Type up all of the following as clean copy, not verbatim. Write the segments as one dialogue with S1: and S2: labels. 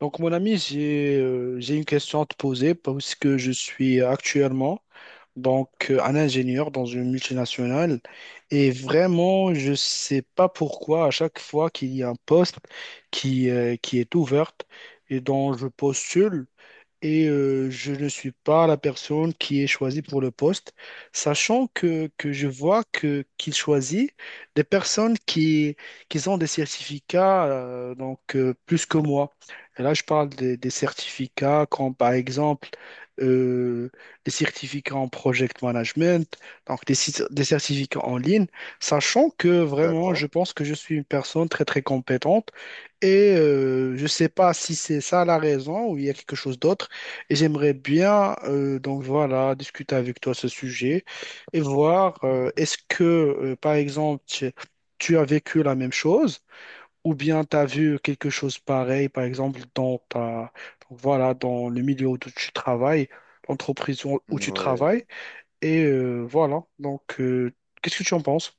S1: Donc, mon ami, j'ai une question à te poser parce que je suis actuellement un ingénieur dans une multinationale. Et vraiment, je ne sais pas pourquoi à chaque fois qu'il y a un poste qui est ouvert et dont je postule, je ne suis pas la personne qui est choisie pour le poste, sachant que je vois que qu'il choisit des personnes qui ont des certificats plus que moi. Et là, je parle des certificats comme par exemple euh, des certificats en project management, donc des certificats en ligne, sachant que vraiment,
S2: D'accord.
S1: je pense que je suis une personne très très compétente. Je ne sais pas si c'est ça la raison ou il y a quelque chose d'autre. Et j'aimerais bien voilà discuter avec toi ce sujet et voir est-ce que par exemple tu as vécu la même chose ou bien tu as vu quelque chose pareil par exemple dans ta donc voilà dans le milieu où tu travailles, l'entreprise où tu
S2: Ouais.
S1: travailles et euh, voilà donc euh, qu'est-ce que tu en penses?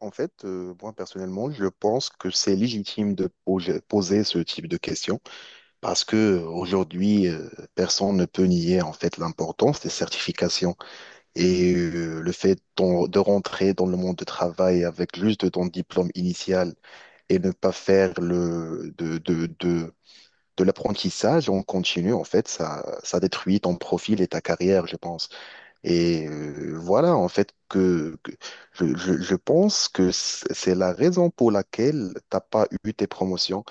S2: En fait, moi personnellement, je pense que c'est légitime de poser ce type de questions parce que aujourd'hui, personne ne peut nier en fait l'importance des certifications et le fait de rentrer dans le monde du travail avec juste ton diplôme initial et ne pas faire le de l'apprentissage en continu, en fait, ça détruit ton profil et ta carrière, je pense. Et voilà, en fait, je pense que c'est la raison pour laquelle t'as pas eu tes promotions.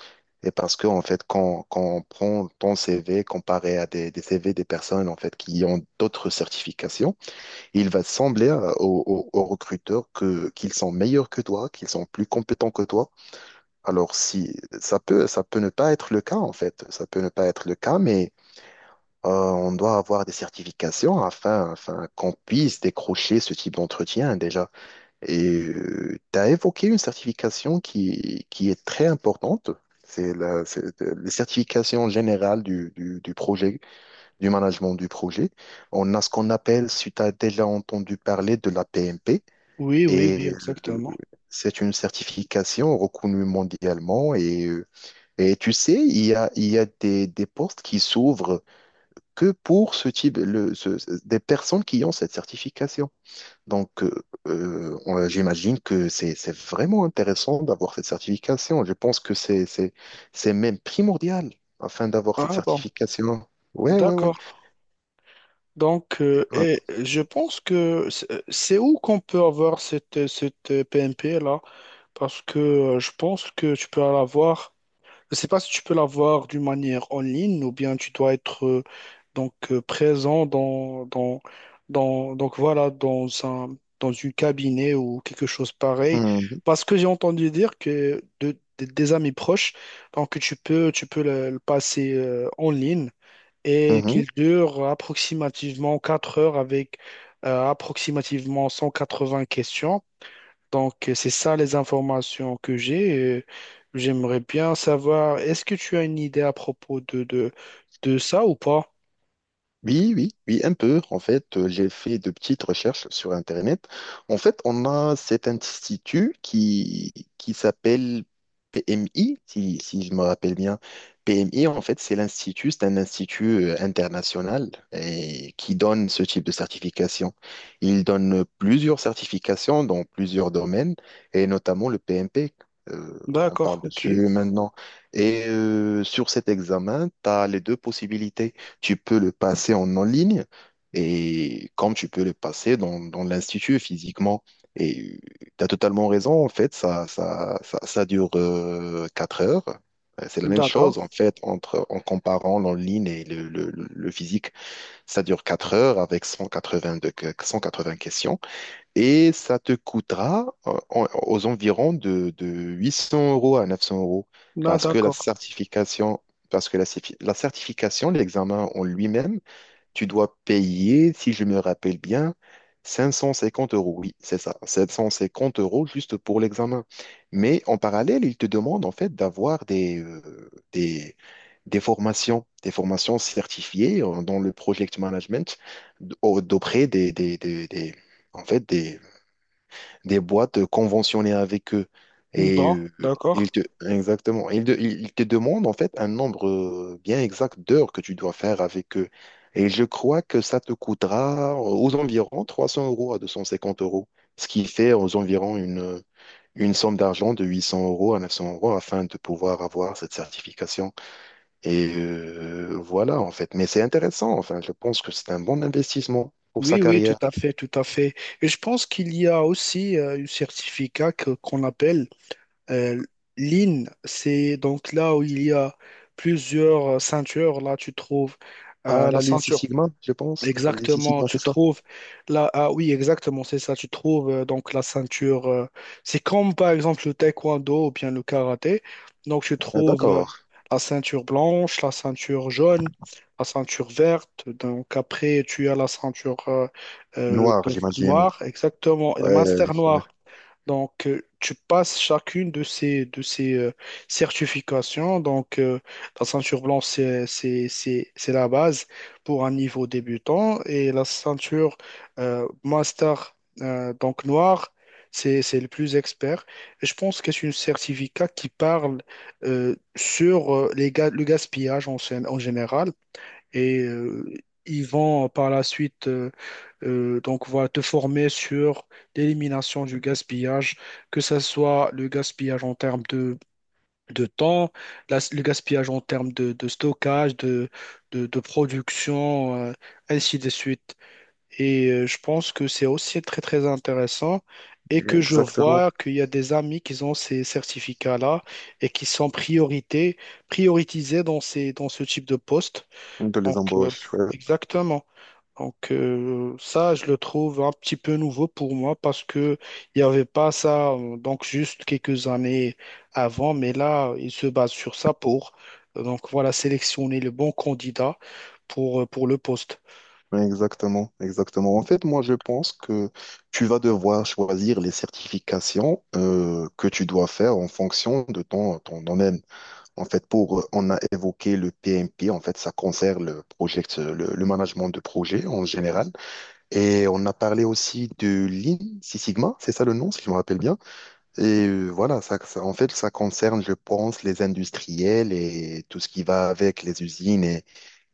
S2: Et parce que, en fait, quand on prend ton CV comparé à des CV des personnes, en fait, qui ont d'autres certifications, il va sembler aux recruteurs qu'ils sont meilleurs que toi, qu'ils sont plus compétents que toi. Alors, si, ça peut ne pas être le cas, en fait. Ça peut ne pas être le cas, mais on doit avoir des certifications afin qu'on puisse décrocher ce type d'entretien déjà. Et tu as évoqué une certification qui est très importante. Les certifications générales du projet, du management du projet. On a ce qu'on appelle, si tu as déjà entendu parler de la PMP,
S1: Oui, oui, oui,
S2: et euh,
S1: exactement.
S2: c'est une certification reconnue mondialement. Et tu sais, il y a des postes qui s'ouvrent que pour ce type, des personnes qui ont cette certification. Donc, j'imagine que c'est vraiment intéressant d'avoir cette certification. Je pense que c'est même primordial afin d'avoir cette
S1: Ah bon,
S2: certification. Ouais, ouais, ouais.
S1: d'accord, donc
S2: Ouais.
S1: et je pense que c'est où qu'on peut avoir cette PMP là? Parce que je pense que tu peux l'avoir. Je ne sais pas si tu peux l'avoir d'une manière en ligne ou bien tu dois être présent dans donc voilà dans un dans une cabinet ou quelque chose pareil.
S2: Mhm.
S1: Parce que j'ai entendu dire que des amis proches, donc tu peux le passer en ligne et
S2: Mhm.
S1: qu'il dure approximativement 4 heures avec approximativement 180 questions. Donc, c'est ça les informations que j'ai. J'aimerais bien savoir, est-ce que tu as une idée à propos de ça ou pas?
S2: Oui, oui, oui, un peu. En fait, j'ai fait de petites recherches sur Internet. En fait, on a cet institut qui s'appelle PMI, si je me rappelle bien. PMI, en fait, c'est un institut international et qui donne ce type de certification. Il donne plusieurs certifications dans plusieurs domaines et notamment le PMP. Euh, on
S1: D'accord,
S2: parle dessus
S1: ok.
S2: maintenant. Et sur cet examen, tu as les deux possibilités. Tu peux le passer en ligne et comme tu peux le passer dans l'institut physiquement. Et tu as totalement raison, en fait, ça dure 4 heures. C'est la même
S1: D'accord.
S2: chose, en fait, en comparant l'en ligne et le physique. Ça dure 4 heures avec 180 questions et ça te coûtera aux environs de 800 € à 900 €
S1: Là,
S2: parce que la
S1: d'accord.
S2: certification, parce que la, certifi- la certification, l'examen en lui-même, tu dois payer, si je me rappelle bien, 550 euros. Oui, c'est ça, 750 € juste pour l'examen. Mais en parallèle, ils te demandent en fait d'avoir des formations, des formations certifiées dans le project management d'auprès en fait, des, des boîtes conventionnées avec eux. Et
S1: Bon,
S2: ils
S1: d'accord.
S2: te, exactement, ils te demandent en fait un nombre bien exact d'heures que tu dois faire avec eux. Et je crois que ça te coûtera aux environs 300 € à 250 euros, ce qui fait aux environs une somme d'argent de 800 € à 900 € afin de pouvoir avoir cette certification. Et voilà en fait. Mais c'est intéressant, enfin, je pense que c'est un bon investissement pour sa
S1: Oui, oui, tout
S2: carrière.
S1: à fait, tout à fait. Et je pense qu'il y a aussi un certificat qu'on appelle euh, l'IN. C'est donc là où il y a plusieurs ceintures. Là, tu trouves
S2: Ah,
S1: la
S2: la ligne Six
S1: ceinture.
S2: Sigma, je pense. La ligne Six
S1: Exactement,
S2: Sigma, c'est
S1: tu
S2: ça.
S1: trouves là, ah oui, exactement, c'est ça, tu trouves la ceinture, c'est comme par exemple le taekwondo ou bien le karaté, donc tu
S2: Ah,
S1: trouves
S2: d'accord.
S1: la ceinture blanche, la ceinture jaune, la ceinture verte, donc après tu as la ceinture
S2: Noir, j'imagine.
S1: noire, exactement, et le
S2: Ouais,
S1: master noir. Donc, tu passes chacune de ces certifications. Donc, la ceinture blanche, c'est la base pour un niveau débutant. Et la ceinture master, noire, c'est le plus expert. Et je pense que c'est un certificat qui parle sur le gaspillage en, en général. Et ils vont par la suite voilà, te former sur l'élimination du gaspillage, que ce soit le gaspillage en termes de temps, le gaspillage en termes de stockage, de production, ainsi de suite. Et je pense que c'est aussi très, très intéressant, et
S2: ouais,
S1: que je
S2: exactement.
S1: vois qu'il y a des amis qui ont ces certificats-là et qui sont priorités, prioritisés dans dans ce type de poste.
S2: De les
S1: Donc,
S2: embauches. Ouais.
S1: exactement. Donc ça, je le trouve un petit peu nouveau pour moi parce que il n'y avait pas ça, juste quelques années avant, mais là, il se base sur ça pour voilà sélectionner le bon candidat pour le poste.
S2: Ouais, exactement, exactement. En fait, moi, je pense que tu vas devoir choisir les certifications que tu dois faire en fonction de ton domaine. En fait, on a évoqué le PMP. En fait, ça concerne le management de projet en général. Et on a parlé aussi de Lean Six Sigma. C'est ça le nom, si je me rappelle bien. Et voilà, en fait, ça concerne, je pense, les industriels et tout ce qui va avec les usines et,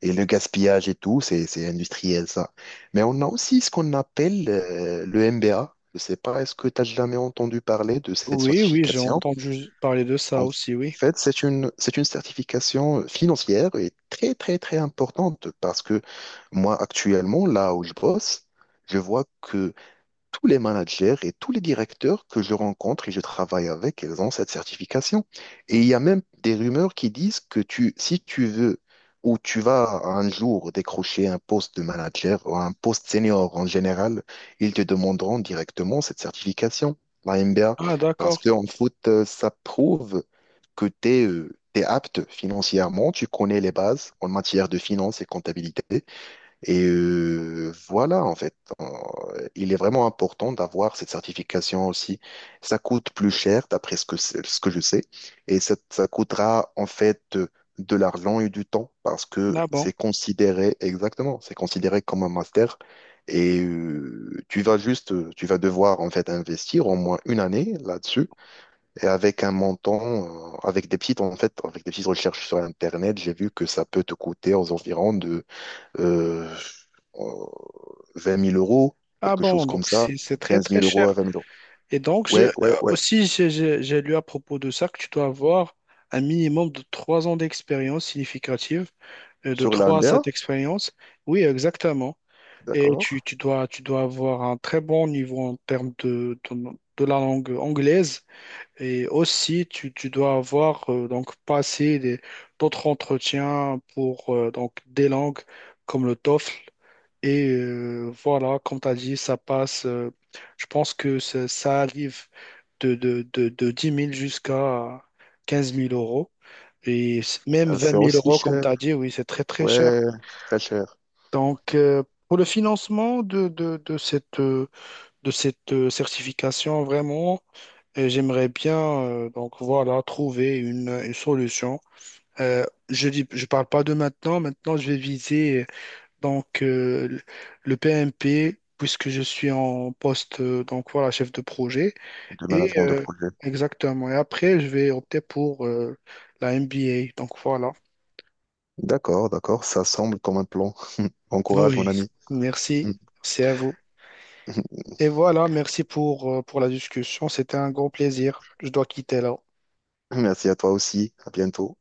S2: et le gaspillage et tout, c'est industriel, ça. Mais on a aussi ce qu'on appelle le MBA. Je sais pas, est-ce que tu as jamais entendu parler de cette
S1: Oui, oui, j'ai
S2: certification?
S1: entendu parler de ça
S2: En
S1: aussi, oui.
S2: fait, c'est une certification financière et très, très, très importante parce que moi, actuellement, là où je bosse, je vois que tous les managers et tous les directeurs que je rencontre et je travaille avec, ils ont cette certification. Et il y a même des rumeurs qui disent que si tu veux ou tu vas un jour décrocher un poste de manager ou un poste senior en général, ils te demanderont directement cette certification, la MBA,
S1: Ah,
S2: parce
S1: d'accord.
S2: qu'en foot, ça prouve que tu es, apte financièrement, tu connais les bases en matière de finance et comptabilité, et voilà, en fait, il est vraiment important d'avoir cette certification aussi. Ça coûte plus cher, d'après ce que je sais, et ça coûtera en fait de l'argent et du temps, parce que
S1: Ah bon.
S2: c'est considéré, exactement, c'est considéré comme un master, et tu vas devoir en fait investir au moins une année là-dessus, et avec des petites recherches sur Internet, j'ai vu que ça peut te coûter aux environs euh, euh, 20 000 euros,
S1: Ah
S2: quelque chose
S1: bon,
S2: comme
S1: donc
S2: ça,
S1: c'est très
S2: 15
S1: très
S2: 000 euros à
S1: cher.
S2: 20 000 euros.
S1: Et donc,
S2: Ouais, ouais, ouais.
S1: aussi, j'ai lu à propos de ça que tu dois avoir un minimum de 3 ans d'expérience significative de
S2: Sur
S1: 3 à
S2: l'Amber,
S1: 7 expériences. Oui, exactement. Et
S2: d'accord.
S1: tu dois avoir un très bon niveau en termes de la langue anglaise. Et aussi, tu dois avoir passé d'autres entretiens pour des langues comme le TOEFL. Et voilà, comme tu as dit, ça passe. Je pense que ça arrive de 10 000 jusqu'à 15 000 euros. Et même vingt
S2: C'est
S1: mille
S2: aussi
S1: euros, comme tu
S2: cher.
S1: as dit, oui, c'est très très cher.
S2: Ouais, c'est très cher,
S1: Donc, pour le financement de cette certification, vraiment, j'aimerais bien voilà, trouver une solution. Euh, je dis, je parle pas de maintenant. Maintenant, je vais viser donc euh, le le PMP puisque je suis en poste voilà chef de projet
S2: le
S1: et
S2: management de
S1: euh,
S2: projet.
S1: exactement. Et après, je vais opter pour la MBA. Donc voilà.
S2: D'accord, d'accord, ça semble comme un plan. Bon courage,
S1: Oui,
S2: mon ami.
S1: merci. Merci à vous. Et voilà, merci pour la discussion. C'était un grand plaisir. Je dois quitter là.
S2: Merci à toi aussi. À bientôt.